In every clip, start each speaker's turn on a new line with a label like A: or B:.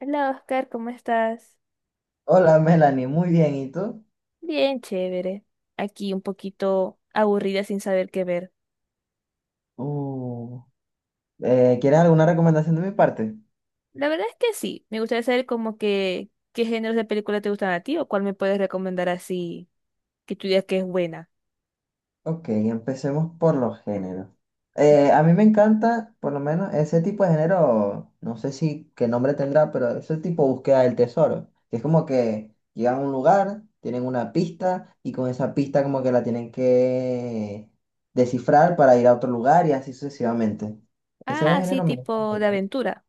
A: Hola Oscar, ¿cómo estás?
B: Hola Melanie, muy bien, ¿y tú?
A: Bien, chévere. Aquí un poquito aburrida sin saber qué ver.
B: Uh, ¿Quieres alguna recomendación de mi parte?
A: La verdad es que sí, me gustaría saber como que qué géneros de película te gustan a ti o cuál me puedes recomendar así que tú digas que es buena.
B: Ok, empecemos por los géneros. A mí me encanta, por lo menos, ese tipo de género, no sé si qué nombre tendrá, pero ese tipo de búsqueda del tesoro que Es como que llegan a un lugar, tienen una pista y con esa pista como que la tienen que descifrar para ir a otro lugar y así sucesivamente. Ese
A: Ah, sí,
B: género me
A: tipo de
B: encanta.
A: aventura.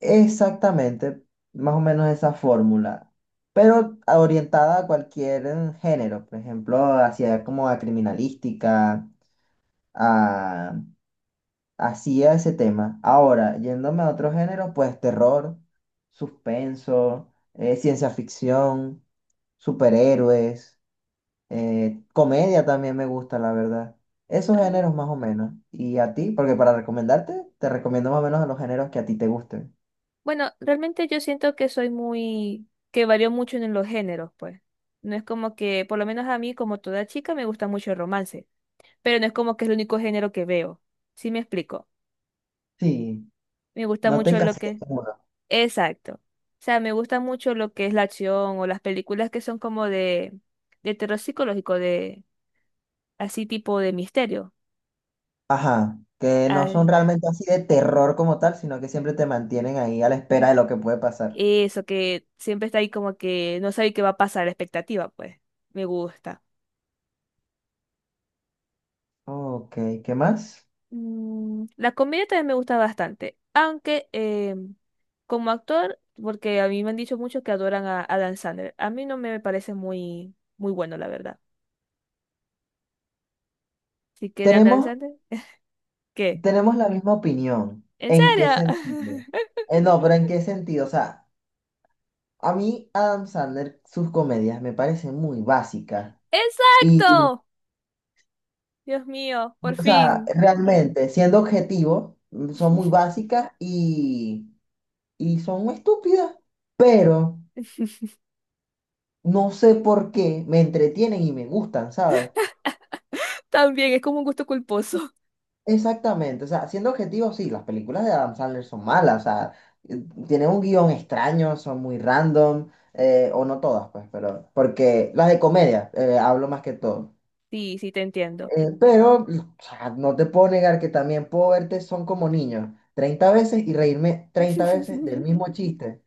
B: Exactamente, más o menos esa fórmula, pero orientada a cualquier género, por ejemplo, hacia como a criminalística, a, hacia ese tema. Ahora, yéndome a otro género, pues terror, suspenso, ciencia ficción, superhéroes, comedia también me gusta, la verdad. Esos
A: Ah,
B: géneros más o menos. ¿Y a ti? Porque para recomendarte, te recomiendo más o menos los géneros que a ti te gusten.
A: bueno, realmente yo siento que soy muy, que varío mucho en los géneros, pues. No es como que, por lo menos a mí, como toda chica, me gusta mucho el romance, pero no es como que es el único género que veo. ¿Sí me explico?
B: Sí,
A: Me gusta
B: no te
A: mucho lo
B: encasillas.
A: que... Exacto. O sea, me gusta mucho lo que es la acción o las películas que son como de terror psicológico, de así tipo de misterio.
B: Ajá, que no son
A: Ay,
B: realmente así de terror como tal, sino que siempre te mantienen ahí a la espera de lo que puede pasar.
A: eso que siempre está ahí como que no sabe qué va a pasar, la expectativa, pues. Me gusta.
B: Ok, ¿qué más?
A: Mm, la comedia también me gusta bastante, aunque como actor, porque a mí me han dicho muchos que adoran a Adam Sandler. A mí no me parece muy, muy bueno, la verdad. Así que de Adam
B: Tenemos,
A: Sandler, ¿qué?
B: tenemos la misma opinión.
A: ¿En
B: ¿En qué
A: serio?
B: sentido? No, pero ¿en qué sentido? O sea, a mí Adam Sandler, sus comedias me parecen muy básicas. Y,
A: Exacto. Dios mío, por
B: o sea,
A: fin.
B: realmente, siendo objetivo, son muy básicas y son muy estúpidas. Pero no sé por qué me entretienen y me gustan, ¿sabes?
A: También es como un gusto culposo.
B: Exactamente, o sea, siendo objetivo, sí, las películas de Adam Sandler son malas, o sea, tienen un guión extraño, son muy random, o no todas, pues, pero, porque las de comedia, hablo más que todo.
A: Sí, sí, te entiendo.
B: Pero, o sea, no te puedo negar que también puedo verte son como niños, 30 veces y reírme 30 veces del mismo chiste,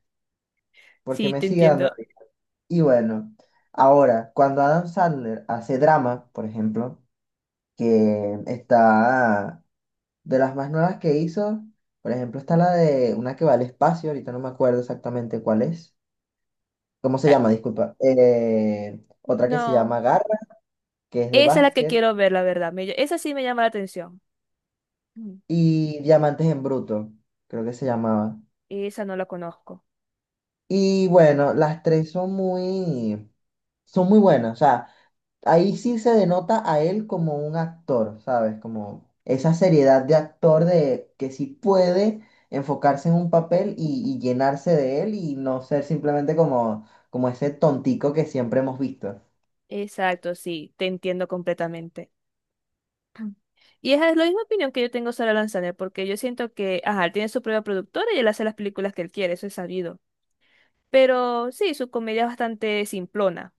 B: porque
A: Sí,
B: me
A: te
B: sigue dando
A: entiendo.
B: risa. Y bueno, ahora, cuando Adam Sandler hace drama, por ejemplo, que está... De las más nuevas que hizo, por ejemplo, está la de una que va al espacio, ahorita no me acuerdo exactamente cuál es. ¿Cómo se
A: Ah,
B: llama? Disculpa. Otra que se
A: no,
B: llama Garra, que es de
A: esa es la que
B: básquet,
A: quiero ver, la verdad. Me ll- esa sí me llama la atención. Mm,
B: y Diamantes en Bruto, creo que se llamaba.
A: esa no la conozco.
B: Y bueno, las tres son muy buenas. O sea, ahí sí se denota a él como un actor, ¿sabes? Como esa seriedad de actor de que sí puede enfocarse en un papel y llenarse de él y no ser simplemente como, como ese tontico que siempre hemos visto.
A: Exacto, sí, te entiendo completamente. Mm. Y esa es la misma opinión que yo tengo sobre Lanzaner, porque yo siento que, ajá, él tiene su propia productora y él hace las películas que él quiere, eso es sabido. Pero sí, su comedia es bastante simplona,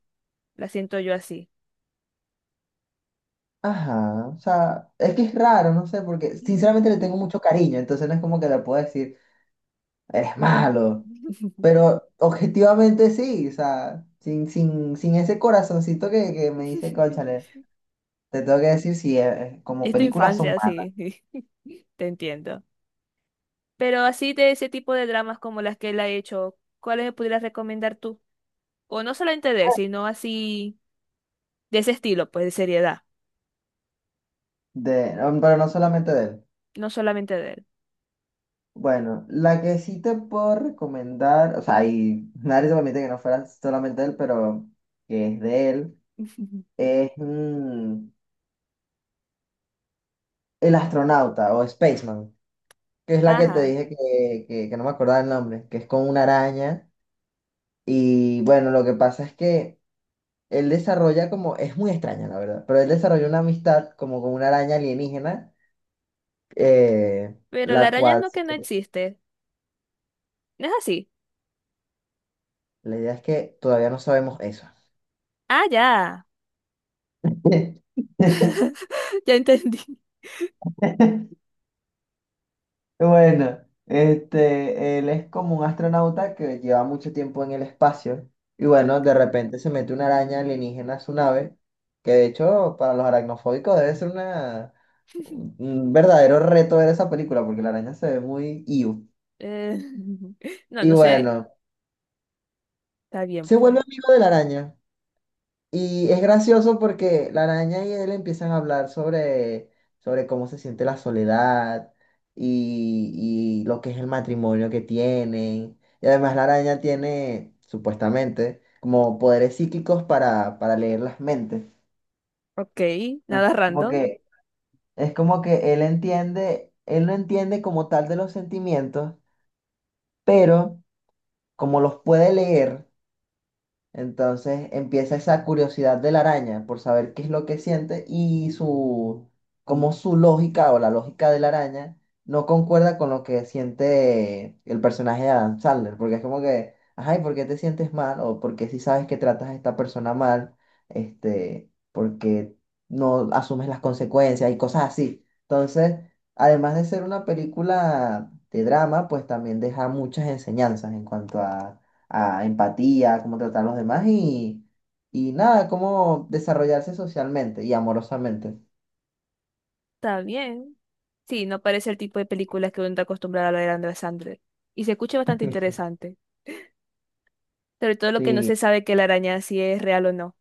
A: la siento yo así.
B: Ajá, o sea, es que es raro, no sé, porque sinceramente le tengo mucho cariño, entonces no es como que le puedo decir, eres malo, pero objetivamente sí, o sea, sin ese corazoncito que me dice, cónchale, te tengo que decir si como
A: Es tu
B: películas son
A: infancia,
B: malas.
A: sí, sí, te entiendo. Pero así de ese tipo de dramas como las que él ha hecho, ¿cuáles me pudieras recomendar tú? O no solamente de él, sino así de ese estilo, pues de seriedad,
B: Pero no solamente de él.
A: no solamente de él.
B: Bueno, la que sí te puedo recomendar, o sea, y nadie se permite que no fuera solamente él, pero que es de él, es El astronauta o Spaceman, que es la que te
A: Ajá,
B: dije que no me acordaba el nombre, que es con una araña. Y bueno, lo que pasa es que él desarrolla como, es muy extraña la verdad, pero él desarrolla una amistad como con una araña alienígena, eh,
A: pero la
B: la
A: araña
B: cual,
A: no que no existe, ¿no es así?
B: la idea es que todavía no sabemos eso.
A: Ah, ya, ya entendí.
B: Bueno, este, él es como un astronauta que lleva mucho tiempo en el espacio y bueno, de
A: Ok.
B: repente se mete una araña alienígena a su nave, que de hecho para los aracnofóbicos debe ser un verdadero reto ver esa película porque la araña se ve muy iu.
A: Eh, no,
B: Y
A: no sé,
B: bueno,
A: está bien
B: se vuelve
A: pues.
B: amigo de la araña. Y es gracioso porque la araña y él empiezan a hablar sobre cómo se siente la soledad y lo que es el matrimonio que tienen. Y además la araña tiene, supuestamente, como poderes psíquicos para leer las mentes.
A: Ok, nada
B: Entonces, como
A: random,
B: que, es como que él entiende, él no entiende como tal de los sentimientos, pero como los puede leer. Entonces empieza esa curiosidad de la araña por saber qué es lo que siente y su, como su lógica o la lógica de la araña no concuerda con lo que siente el personaje de Adam Sandler, porque es como que, ay, ¿por qué te sientes mal? O porque si sabes que tratas a esta persona mal, este, porque no asumes las consecuencias y cosas así. Entonces, además de ser una película de drama, pues también deja muchas enseñanzas en cuanto a empatía, cómo tratar a los demás y nada, cómo desarrollarse socialmente y amorosamente.
A: está bien. Sí, no parece el tipo de películas que uno está acostumbrado a ver de Andrea Sandler. Y se escucha bastante interesante. Sobre todo lo que no se
B: Sí,
A: sabe que la araña si es real o no.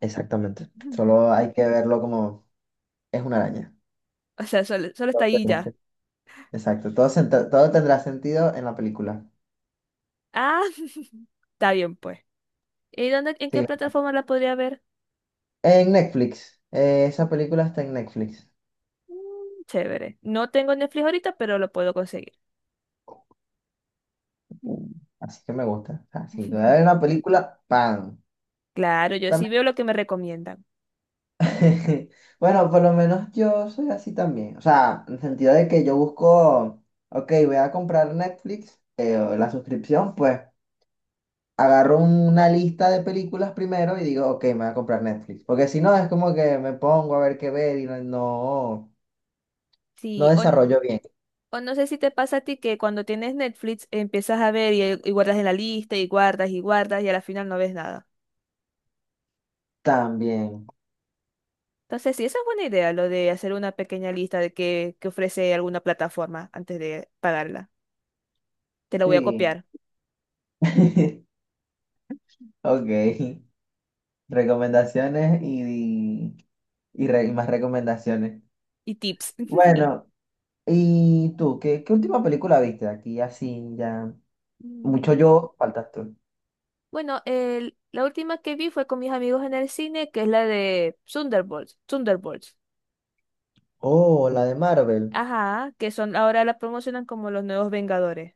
B: exactamente.
A: Ujú.
B: Solo hay que verlo como es una araña.
A: O sea, solo, solo está
B: Todo
A: ahí y
B: tendrá
A: ya.
B: sen- Exacto, todo tendrá sentido en la película.
A: Ah, está bien pues. ¿Y dónde, en qué
B: Sí.
A: plataforma la podría ver?
B: En Netflix, esa película está en Netflix.
A: Mm, chévere. No tengo Netflix ahorita, pero lo puedo conseguir.
B: Mm. Así que me gusta. Así que voy a ver una película, ¡pam!
A: Claro, yo sí veo lo que me recomiendan.
B: Bueno, por lo menos yo soy así también. O sea, en el sentido de que yo busco, ok, voy a comprar Netflix, o la suscripción, pues agarro una lista de películas primero y digo, ok, me voy a comprar Netflix. Porque si no, es como que me pongo a ver qué ver y no
A: Sí, o,
B: desarrollo bien.
A: o no sé si te pasa a ti que cuando tienes Netflix empiezas a ver y guardas en la lista y guardas y guardas y a la final no ves nada.
B: También,
A: Entonces, sí, esa es buena idea, lo de hacer una pequeña lista de qué que ofrece alguna plataforma antes de pagarla. Te la voy a
B: sí.
A: copiar.
B: Ok, recomendaciones y, re- y más recomendaciones.
A: Y tips.
B: Bueno, ¿y tú? ¿Qué última película viste? Aquí así ya. Mucho
A: Mm,
B: yo, faltas tú.
A: bueno, la última que vi fue con mis amigos en el cine, que es la de Thunderbolts. Thunderbolts.
B: Oh, la de Marvel.
A: Ajá, que son ahora la promocionan como los nuevos Vengadores.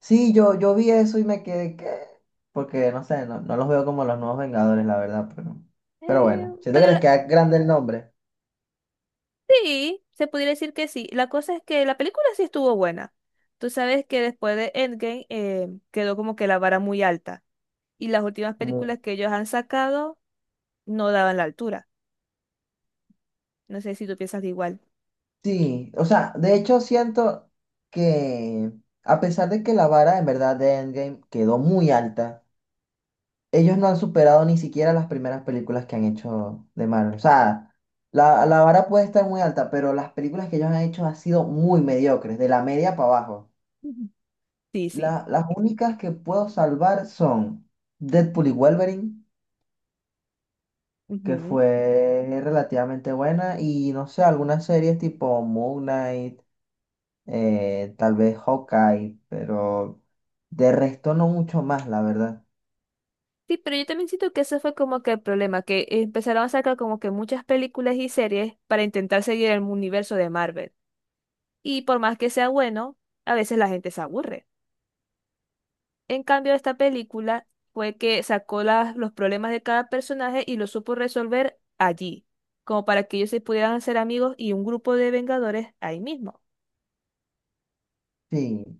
B: Sí, yo vi eso y me quedé que... Porque no sé, no los veo como los nuevos Vengadores, la verdad, pero... Pero
A: Eh,
B: bueno, siento que
A: pero
B: les
A: la-
B: queda grande el nombre.
A: sí, se pudiera decir que sí. La cosa es que la película sí estuvo buena. Tú sabes que después de Endgame quedó como que la vara muy alta y las últimas
B: Mu-
A: películas que ellos han sacado no daban la altura. No sé si tú piensas de igual.
B: Sí, o sea, de hecho siento que a pesar de que la vara en verdad de Endgame quedó muy alta, ellos no han superado ni siquiera las primeras películas que han hecho de Marvel. O sea, la vara puede estar muy alta, pero las películas que ellos han hecho han sido muy mediocres, de la media para abajo.
A: Ujú. Sí, sí.
B: Las únicas que puedo salvar son Deadpool y Wolverine, que
A: Ujú.
B: fue relativamente buena, y no sé, algunas series tipo Moon Knight, tal vez Hawkeye, pero de resto no mucho más, la verdad.
A: Sí, pero yo también siento que ese fue como que el problema, que empezaron a sacar como que muchas películas y series para intentar seguir el universo de Marvel. Y por más que sea bueno, a veces la gente se aburre. En cambio, esta película fue que sacó los problemas de cada personaje y los supo resolver allí, como para que ellos se pudieran hacer amigos y un grupo de Vengadores ahí mismo.
B: Sí,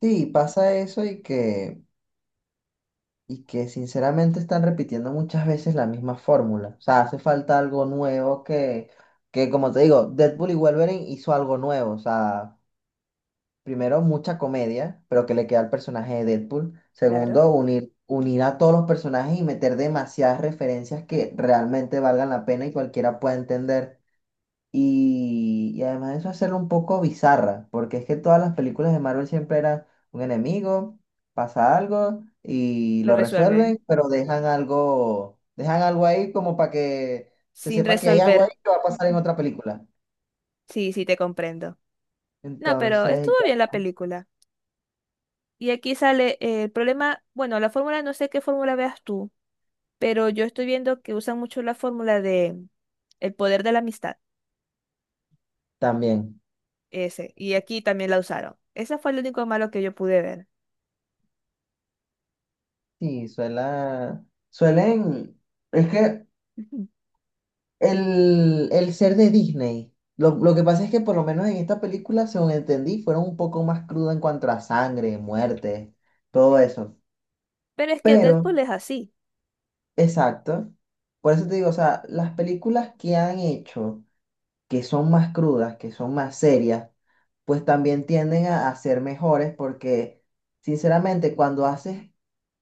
B: sí, pasa eso y que sinceramente están repitiendo muchas veces la misma fórmula. O sea, hace falta algo nuevo que como te digo, Deadpool y Wolverine hizo algo nuevo, o sea. Primero, mucha comedia, pero que le queda al personaje de Deadpool.
A: Claro.
B: Segundo, unir a todos los personajes y meter demasiadas referencias que realmente valgan la pena y cualquiera pueda entender. Y además de eso, hacerlo un poco bizarra, porque es que todas las películas de Marvel siempre eran un enemigo, pasa algo y
A: Lo
B: lo
A: resuelven.
B: resuelven, pero dejan algo ahí como para que se
A: Sin
B: sepa que hay algo
A: resolver.
B: ahí que va a pasar en
A: Ujú.
B: otra película.
A: Sí, sí, te comprendo. No, pero
B: Entonces,
A: estuvo
B: ya
A: bien la película. Y aquí sale el problema, bueno, la fórmula, no sé qué fórmula veas tú, pero yo estoy viendo que usan mucho la fórmula de el poder de la amistad,
B: también.
A: ese. Y aquí también la usaron. Ese fue el único malo que yo pude ver.
B: Sí, suelen, es que
A: Ujú.
B: el ser de Disney, lo que pasa es que por lo menos en esta película, según entendí, fueron un poco más cruda en cuanto a sangre, muerte, todo eso.
A: Pero es que
B: Pero,
A: Deadpool es así.
B: exacto, por eso te digo, o sea, las películas que han hecho, que son más crudas, que son más serias, pues también tienden a ser mejores porque, sinceramente, cuando haces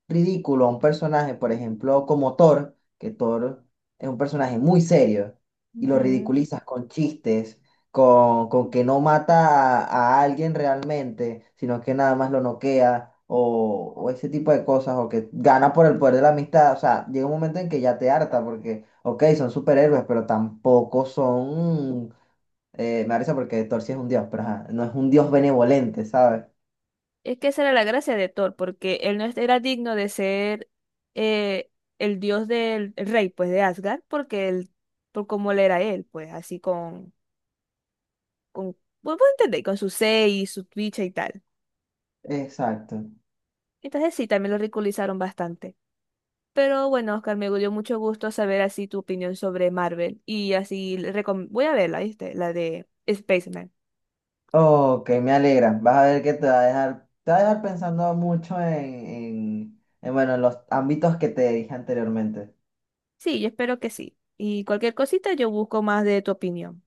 B: ridículo a un personaje, por ejemplo, como Thor, que Thor es un personaje muy serio y lo
A: Ujú.
B: ridiculizas con chistes, con que no mata a alguien realmente, sino que nada más lo noquea o ese tipo de cosas, o que gana por el poder de la amistad. O sea, llega un momento en que ya te harta porque, ok, son superhéroes, pero tampoco son... me da risa porque Thor sí es un dios, pero ajá, no es un dios benevolente, ¿sabes?
A: Es que esa era la gracia de Thor, porque él no era digno de ser eh, el dios del el rey, pues, de Asgard, porque él, por cómo él era él, pues, así con, bueno, pues, entendéis, con su seis, su bicha y tal.
B: Exacto.
A: Entonces sí, también lo ridiculizaron bastante. Pero bueno, Oscar, me dio mucho gusto saber así tu opinión sobre Marvel. Y así, le recom- voy a verla, ¿viste? La de Spaceman.
B: Ok, me alegra. Vas a ver que te va a dejar, te va a dejar pensando mucho bueno, en los ámbitos que te dije anteriormente.
A: Sí, yo espero que sí. Y cualquier cosita yo busco más de tu opinión.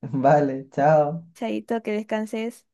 B: Vale, chao.
A: Chaito, que descanses.